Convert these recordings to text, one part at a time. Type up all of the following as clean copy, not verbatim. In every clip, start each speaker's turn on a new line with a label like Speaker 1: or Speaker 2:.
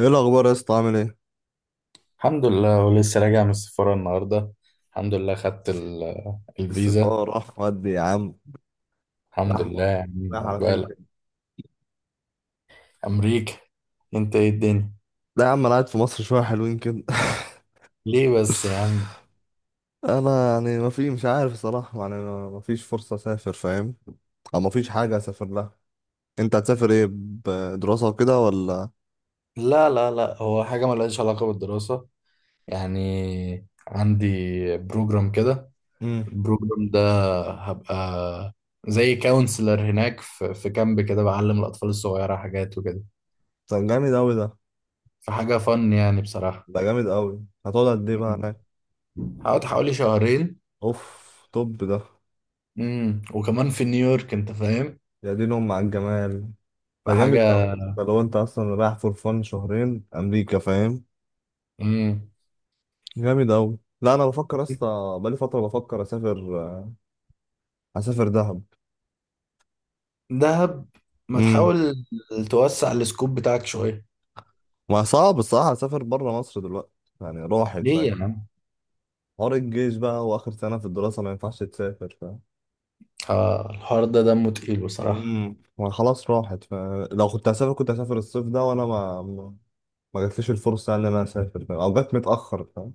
Speaker 1: ايه الاخبار يا اسطى؟ عامل ايه؟
Speaker 2: الحمد لله، ولسه راجع من السفارة النهاردة. الحمد لله خدت الفيزا.
Speaker 1: السفاره راح ودي يا عم؟
Speaker 2: الحمد
Speaker 1: راح؟
Speaker 2: لله يا عم،
Speaker 1: راح على فين
Speaker 2: عقبالك.
Speaker 1: كده؟
Speaker 2: أمريكا. أنت إيه الدنيا؟
Speaker 1: لا يا عم، انا قاعد في مصر شويه حلوين كده
Speaker 2: ليه بس يا عم؟
Speaker 1: انا يعني ما في مش عارف صراحه، يعني ما فيش فرصه اسافر، فاهم؟ او ما فيش حاجه اسافر لها. انت هتسافر ايه، بدراسه وكده ولا؟
Speaker 2: لا لا لا، هو حاجة ملهاش علاقة بالدراسة. يعني عندي بروجرام كده.
Speaker 1: امم.
Speaker 2: البروجرام ده هبقى زي كونسلر هناك في كامب كده، بعلم الأطفال الصغيرة حاجات وكده.
Speaker 1: ده جامد قوي ده.
Speaker 2: فحاجة فن يعني بصراحة.
Speaker 1: ده جامد قوي، هتقعد قد ايه
Speaker 2: م-
Speaker 1: بقى
Speaker 2: م.
Speaker 1: هناك؟
Speaker 2: هقعد حوالي شهرين.
Speaker 1: اوف. طب ده
Speaker 2: وكمان في نيويورك، انت فاهم.
Speaker 1: يا دين ام على الجمال. ده جامد
Speaker 2: فحاجة.
Speaker 1: قوي ده، لو انت اصلا رايح فور فن شهرين امريكا، فاهم؟
Speaker 2: امم.
Speaker 1: جامد أوي. لا، أنا بفكر يا اسطى، بقالي فترة بفكر أسافر. أسافر دهب.
Speaker 2: دهب. ما
Speaker 1: امم
Speaker 2: تحاول توسع السكوب بتاعك شوية.
Speaker 1: ما صعب الصراحة أسافر بره مصر دلوقتي. يعني راحت،
Speaker 2: ليه يا
Speaker 1: فاهم؟
Speaker 2: عم؟
Speaker 1: حوار الجيش بقى وآخر سنة في الدراسة، ما ينفعش تسافر، فاهم؟
Speaker 2: آه، الحوار ده دمه تقيل بصراحة.
Speaker 1: ما خلاص راحت، فلو كنت هسافر كنت هسافر الصيف ده، وأنا ما جاتليش الفرصة يعني إن أنا أسافر، فاهم؟ أو جات متأخر، فاهم؟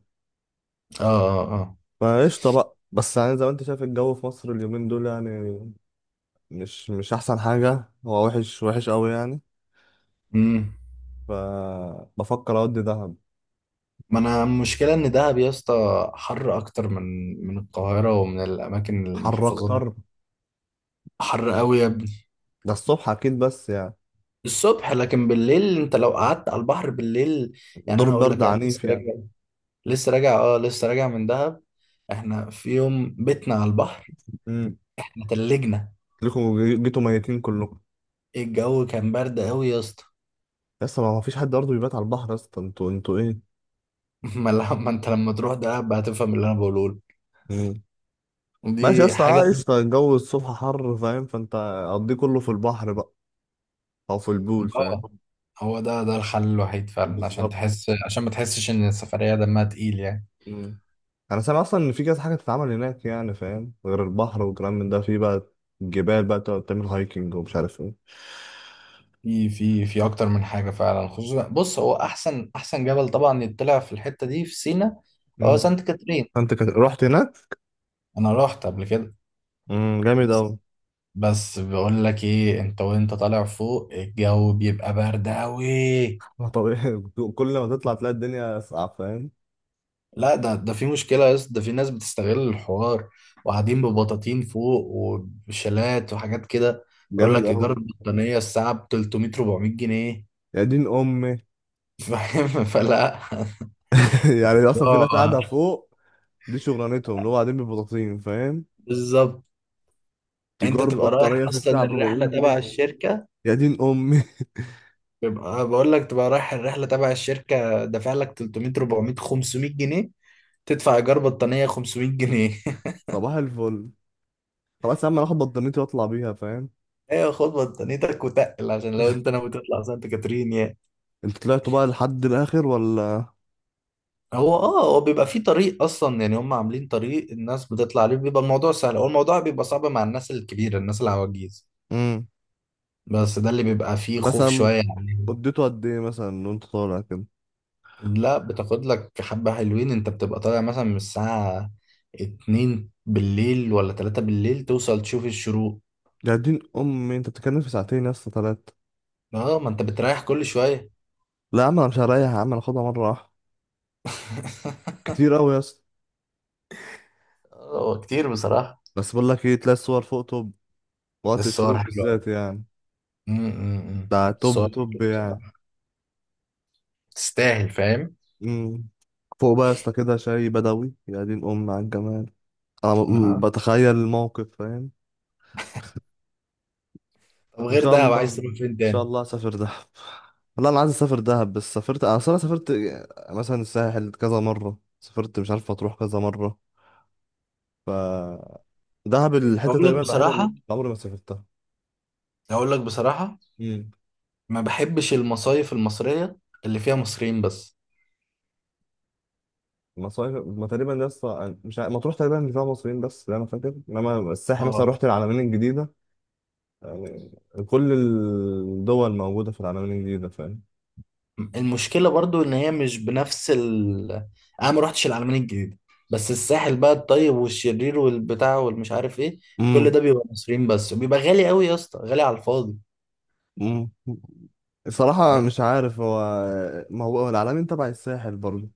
Speaker 2: اه اه اه.
Speaker 1: فقشطة بقى، بس يعني زي ما أنت شايف الجو في مصر اليومين دول يعني مش أحسن حاجة، هو وحش وحش أوي يعني.
Speaker 2: امم.
Speaker 1: فبفكر أودي دهب.
Speaker 2: ما انا المشكلة ان دهب يا اسطى حر اكتر من القاهرة ومن الاماكن
Speaker 1: حر
Speaker 2: المحافظات
Speaker 1: اكتر.
Speaker 2: دي. حر قوي يا ابني.
Speaker 1: ده الصبح اكيد بس يعني
Speaker 2: الصبح لكن بالليل، انت لو قعدت على البحر بالليل، يعني
Speaker 1: دور
Speaker 2: انا اقول
Speaker 1: برد
Speaker 2: لك، انا لسه
Speaker 1: عنيف يعني.
Speaker 2: راجع، لسه راجع، اه، لسه راجع من دهب. احنا في يوم بيتنا على البحر،
Speaker 1: امم.
Speaker 2: احنا تلجنا.
Speaker 1: لكم جيتوا ميتين كلكم.
Speaker 2: الجو كان برد قوي يا اسطى.
Speaker 1: لسه ما فيش حد برضه بيبات على البحر يا اسطى، انتوا ايه؟
Speaker 2: ما انت لما تروح دهب هتفهم اللي انا بقوله لك.
Speaker 1: امم. ماشي يا
Speaker 2: دي
Speaker 1: اسطى،
Speaker 2: حاجه.
Speaker 1: عايش طيب. الجو الصبح حر، فاهم؟ فانت قضيه كله في البحر بقى، او في البول، فاهم؟
Speaker 2: اه، هو ده الحل الوحيد فعلا، عشان
Speaker 1: بالظبط.
Speaker 2: تحس، عشان ما تحسش ان السفريه دمها تقيل يعني.
Speaker 1: امم. انا سامع اصلا ان في كذا حاجه تتعمل هناك يعني، فاهم؟ غير البحر والكلام من ده، في بقى الجبال بقى، تقعد تعمل هايكنج ومش عارف ايه.
Speaker 2: في اكتر من حاجه فعلا. خصوصا بص، هو احسن احسن جبل طبعا يطلع في الحته دي في سينا هو
Speaker 1: امم.
Speaker 2: سانت كاترين.
Speaker 1: فانت رحت هناك؟
Speaker 2: انا رحت قبل كده.
Speaker 1: امم. جامد قوي.
Speaker 2: بس، بس بقول لك ايه، انت وانت طالع فوق الجو بيبقى برد قوي.
Speaker 1: ما طبيعي كل ما تطلع تلاقي الدنيا اصعب، فاهم؟
Speaker 2: لا، ده في مشكلة يا اسطى، ده في ناس بتستغل الحوار وقاعدين ببطاطين فوق وبشلات وحاجات كده. يقول
Speaker 1: جامد
Speaker 2: لك
Speaker 1: قوي.
Speaker 2: إيجار البطانية الساعة ب 300 400 جنيه.
Speaker 1: يا دين امي.
Speaker 2: فاهم. فلا.
Speaker 1: يعني اصلا في ناس
Speaker 2: اه،
Speaker 1: قاعده فوق، دي شغلانتهم، اللي هو قاعدين ببطاطين، فاهم؟
Speaker 2: بالظبط. انت
Speaker 1: تجار
Speaker 2: تبقى رايح
Speaker 1: بطاريه في
Speaker 2: اصلا
Speaker 1: الساعه ب
Speaker 2: الرحلة
Speaker 1: 400
Speaker 2: تبع
Speaker 1: جنيه
Speaker 2: الشركة،
Speaker 1: يا دين امي.
Speaker 2: تبقى بقول لك، تبقى رايح الرحلة تبع الشركة، دافع لك 300 400 500 جنيه، تدفع إيجار بطانية 500 جنيه.
Speaker 1: صباح الفل. خلاص يا عم، انا هاخد بطانيتي واطلع بيها، فاهم؟
Speaker 2: ايوه، خد بطانيتك وتقل عشان لو انت ناوي تطلع سانت كاترين.
Speaker 1: انت طلعتوا بقى لحد الاخر ولا؟
Speaker 2: هو بيبقى فيه طريق اصلا، يعني هم عاملين طريق الناس بتطلع عليه، بيبقى الموضوع سهل. هو الموضوع بيبقى صعب مع الناس الكبيره، الناس العواجيز.
Speaker 1: امم
Speaker 2: بس ده اللي بيبقى فيه خوف
Speaker 1: مثلا
Speaker 2: شويه يعني.
Speaker 1: اديته قد ايه مثلا وانت طالع كده؟
Speaker 2: لا، بتاخد لك حبه حلوين، انت بتبقى طالع مثلا من الساعه 2 بالليل ولا 3 بالليل، توصل تشوف الشروق.
Speaker 1: يا دين امي، انت بتتكلم في ساعتين يا اسطى، ثلاثه.
Speaker 2: اه، ما انت بتريح كل شويه.
Speaker 1: لا يا عم، انا مش هريح يا عم، انا هاخدها مره واحده. كتير قوي يا اسطى.
Speaker 2: هو كتير بصراحه.
Speaker 1: بس بقول لك ايه، تلاقي الصور فوق توب، وقت
Speaker 2: الصور
Speaker 1: الشروق
Speaker 2: حلوه أوي.
Speaker 1: بالذات يعني.
Speaker 2: أمم، أمم، أمم.
Speaker 1: ده توب
Speaker 2: الصور
Speaker 1: توب
Speaker 2: حلوة
Speaker 1: يعني.
Speaker 2: بصراحه، تستاهل فاهم.
Speaker 1: مم. فوق بقى يا اسطى كده، شاي بدوي، يا دين أم على الجمال. أنا
Speaker 2: آه.
Speaker 1: بتخيل الموقف، فاهم؟
Speaker 2: طب
Speaker 1: إن
Speaker 2: غير
Speaker 1: شاء
Speaker 2: ده
Speaker 1: الله
Speaker 2: عايز تروح
Speaker 1: إن
Speaker 2: فين
Speaker 1: شاء
Speaker 2: تاني؟
Speaker 1: الله أسافر دهب. لا، أنا عايز أسافر دهب، بس سافرت، أنا أصلا سافرت مثلا الساحل كذا مرة، سافرت مش عارف أتروح كذا مرة. ف دهب الحتة
Speaker 2: اقول لك
Speaker 1: تقريبا الوحيدة اللي
Speaker 2: بصراحه
Speaker 1: عمري ما سافرتها.
Speaker 2: اقول لك بصراحه،
Speaker 1: امم.
Speaker 2: ما بحبش المصايف المصريه اللي فيها مصريين بس.
Speaker 1: مصايف ما تقريبا لسه مش عارف- مطروح تقريبا اللي فيها مصريين بس، لا انا فاكر، انما الساحل مثلا
Speaker 2: اه،
Speaker 1: رحت العلمين الجديدة يعني. كل الدول موجودة في العالمين الجديدة، فاهم؟
Speaker 2: المشكله برضو ان هي مش بنفس ال- انا ما روحتش العلمين الجديده. بس الساحل بقى، الطيب والشرير والبتاع والمش عارف ايه، كل
Speaker 1: امم
Speaker 2: ده بيبقى مصريين بس وبيبقى غالي قوي يا اسطى، غالي على الفاضي.
Speaker 1: امم الصراحة
Speaker 2: بس
Speaker 1: مش عارف هو. ما هو العالمين تبع الساحل برضه،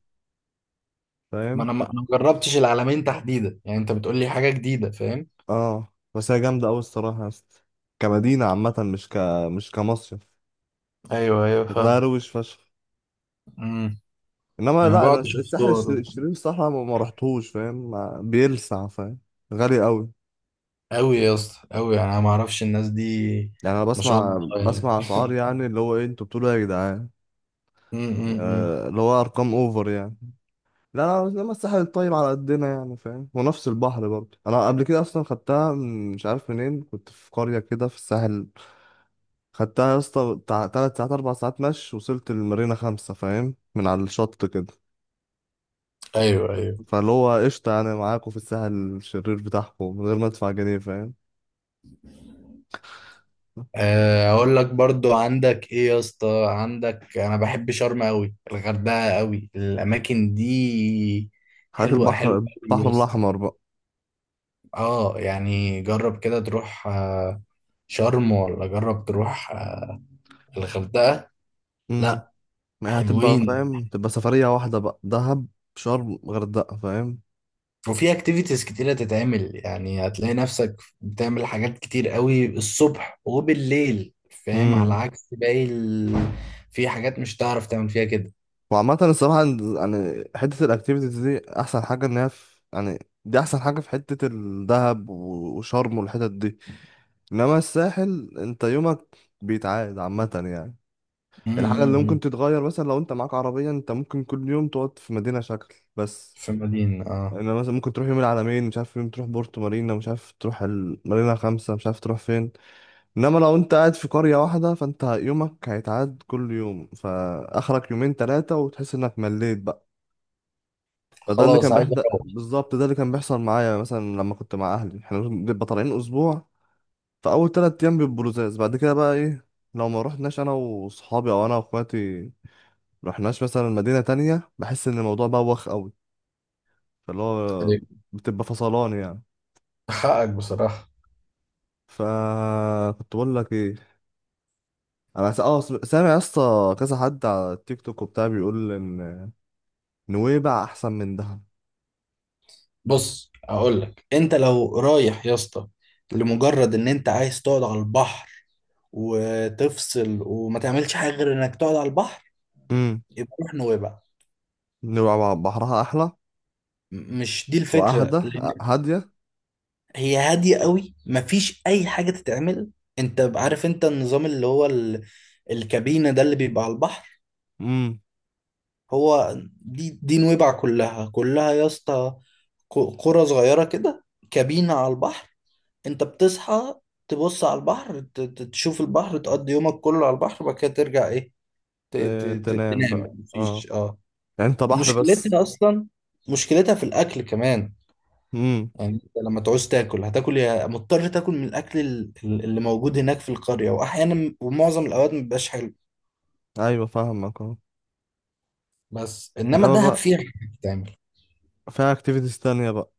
Speaker 2: ما
Speaker 1: فاهم.
Speaker 2: انا ما أنا ما جربتش العلمين تحديدا، يعني انت بتقول لي حاجه جديده فاهم.
Speaker 1: اه، بس هي جامدة أوي الصراحة يا اسطى، كمدينة عامة، مش كمصيف.
Speaker 2: ايوه ايوه
Speaker 1: شكلها
Speaker 2: فاهم.
Speaker 1: روش فشخ.
Speaker 2: امم.
Speaker 1: انما
Speaker 2: انا
Speaker 1: لا، انا
Speaker 2: بقعد اشوف
Speaker 1: الساحل
Speaker 2: صور
Speaker 1: الشرير، الصراحة ما رحتهوش، فاهم؟ بيلسع، فاهم؟ غالي أوي.
Speaker 2: قوي يا اسطى قوي، يعني انا ما اعرفش الناس دي.
Speaker 1: يعني انا
Speaker 2: ما شاء الله
Speaker 1: بسمع
Speaker 2: يعني.
Speaker 1: بسمع اسعار، يعني اللي هو ايه، انتوا بتقولوا إيه يا جدعان؟
Speaker 2: امم.
Speaker 1: آه، اللي هو ارقام اوفر يعني. لا، لا، لما الساحل الطيب على قدنا يعني، فاهم؟ ونفس البحر برضه، انا قبل كده اصلا خدتها مش عارف منين، كنت في قرية كده في الساحل. خدتها يا اسطى بتاع 3 ساعات 4 ساعات مشي، وصلت المارينا 5، فاهم؟ من على الشط كده.
Speaker 2: ايوه ايوه.
Speaker 1: فاللي هو قشطة يعني، معاكوا في الساحل الشرير بتاعكم من غير ما ادفع جنيه، فاهم؟
Speaker 2: آه، اقول لك برضو، عندك ايه يا اسطى؟ عندك انا بحب شرم قوي، الغردقه قوي، الاماكن دي.
Speaker 1: حياة
Speaker 2: حلوه، حلوه قوي يا
Speaker 1: البحر
Speaker 2: اسطى.
Speaker 1: الأحمر بقى.
Speaker 2: اه، يعني جرب كده تروح شرم، ولا جرب تروح الغردقه.
Speaker 1: امم.
Speaker 2: لا،
Speaker 1: يعني هتبقى،
Speaker 2: حلوين.
Speaker 1: فاهم، تبقى سفرية واحدة بقى، دهب شرم غردقة،
Speaker 2: وفي اكتيفيتيز كتيره تتعمل، يعني هتلاقي نفسك بتعمل حاجات كتير قوي الصبح وبالليل فاهم، على
Speaker 1: فاهم.
Speaker 2: عكس باقي ال... في حاجات مش هتعرف تعمل فيها كده.
Speaker 1: وعامة الصراحة، يعني حتة الأكتيفيتيز دي أحسن حاجة إن هي في يعني. دي أحسن حاجة في حتة الدهب وشرم والحتت دي. إنما الساحل، أنت يومك بيتعاد عامة يعني. الحاجة اللي
Speaker 2: أمم.
Speaker 1: ممكن تتغير مثلا، لو أنت معاك عربية أنت ممكن كل يوم تقعد في مدينة شكل بس.
Speaker 2: في مدينة
Speaker 1: إنما مثلا ممكن تروح يوم العلمين، مش عارف، يوم تروح بورتو مارينا، مش عارف تروح المارينا 5، مش عارف تروح فين. إنما لو أنت قاعد في قرية واحدة فأنت يومك هيتعاد كل يوم، فآخرك يومين تلاتة وتحس إنك مليت بقى. فده اللي
Speaker 2: خلاص
Speaker 1: كان
Speaker 2: عايز
Speaker 1: بيحد،
Speaker 2: اروح.
Speaker 1: بالظبط ده اللي كان بيحصل معايا، مثلا لما كنت مع اهلي احنا بنبقى طالعين اسبوع. فاول 3 ايام بيبقوا لزاز، بعد كده بقى ايه؟ لو ما رحناش انا واصحابي او انا واخواتي، رحناش مثلا مدينة تانية، بحس ان الموضوع بوخ قوي. فاللي هو
Speaker 2: عليك.
Speaker 1: بتبقى فصلان يعني.
Speaker 2: حقك بصراحة.
Speaker 1: فكنت بقول لك ايه، انا سامع يا اسطى كذا حد على التيك توك وبتاع، بيقول ان نويبع احسن من دهب.
Speaker 2: بص اقول لك، انت لو رايح يا اسطى لمجرد ان انت عايز تقعد على البحر وتفصل وما تعملش حاجة غير انك تقعد على البحر،
Speaker 1: امم.
Speaker 2: يبقى روح نويبع.
Speaker 1: نويبع بحرها احلى
Speaker 2: مش دي الفكرة،
Speaker 1: واهدى.
Speaker 2: لان
Speaker 1: هاديه.
Speaker 2: هي هادية قوي، مفيش اي حاجة تتعمل. انت عارف انت النظام اللي هو ال... الكابينة، ده اللي بيبقى على البحر. هو دي نويبع كلها كلها يا اسطى، قرى صغيرة كده، كابينة على البحر. انت بتصحى تبص على البحر، تشوف البحر، تقضي يومك كله على البحر، وبعد كده ترجع ايه،
Speaker 1: تنام بقى،
Speaker 2: تنام
Speaker 1: اه.
Speaker 2: مفيش
Speaker 1: يعني انت بحر بس.
Speaker 2: مشكلتها اصلا، مشكلتها في الاكل كمان.
Speaker 1: امم.
Speaker 2: يعني انت لما تعوز تاكل هتاكل، يا مضطر تاكل من الاكل اللي موجود هناك في القرية، واحيانا ومعظم الاوقات مبيبقاش حلو.
Speaker 1: ايوه فاهمك، اه.
Speaker 2: بس انما
Speaker 1: انما
Speaker 2: دهب
Speaker 1: بقى
Speaker 2: فيها حاجة تتعمل.
Speaker 1: فيها اكتيفيتيز تانية بقى.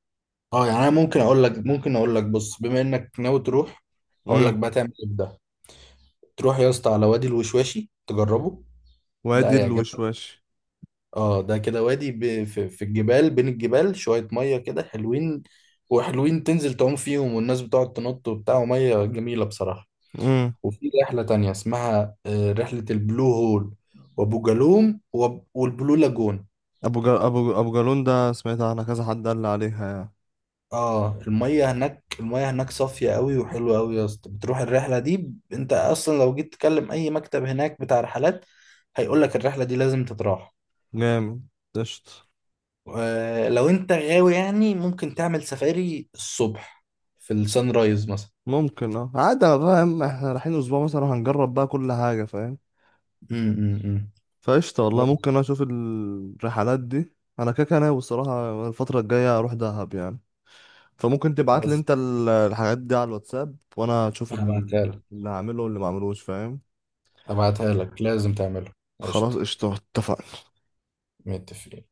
Speaker 2: اه، يعني انا ممكن اقول لك بص، بما انك ناوي تروح، اقول لك
Speaker 1: امم.
Speaker 2: بقى تعمل ايه بده. تروح يا اسطى على وادي الوشواشي تجربه. ده
Speaker 1: وادي
Speaker 2: هيعجبك.
Speaker 1: الوشواش.
Speaker 2: اه، ده كده وادي في الجبال، بين الجبال شوية مية كده حلوين، وحلوين تنزل تعوم فيهم، والناس بتقعد تنط وبتاع، ومية جميلة بصراحة.
Speaker 1: امم.
Speaker 2: وفي رحلة تانية اسمها رحلة البلو هول، وابو جالوم والبلو لاجون.
Speaker 1: ابو جا... ابو ابو جالون ده، سمعت عنها كذا حد قال لي عليها يعني.
Speaker 2: اه، المية هناك صافية قوي وحلوة قوي يا اسطى. بتروح الرحلة دي انت اصلا لو جيت تكلم اي مكتب هناك بتاع رحلات، هيقول لك الرحلة دي لازم تتراح.
Speaker 1: جامد. قشطة.
Speaker 2: آه، لو انت غاوي يعني ممكن تعمل سفاري الصبح في السان رايز مثلا.
Speaker 1: ممكن، اه، عادي، انا فاهم احنا رايحين اسبوع مثلا، هنجرب بقى كل حاجة، فاهم.
Speaker 2: امم.
Speaker 1: فقشطة والله،
Speaker 2: بس،
Speaker 1: ممكن اشوف الرحلات دي. انا كده كده ناوي الصراحة الفترة الجاية اروح دهب يعني. فممكن تبعت لي
Speaker 2: بس
Speaker 1: انت الحاجات دي على الواتساب، وانا اشوف
Speaker 2: هبعتها لك
Speaker 1: اللي هعمله واللي ما عملوش، فاهم؟
Speaker 2: هبعتها لك، لازم تعملها.
Speaker 1: خلاص
Speaker 2: قشطة.
Speaker 1: قشطة، اتفقنا.
Speaker 2: متفقين.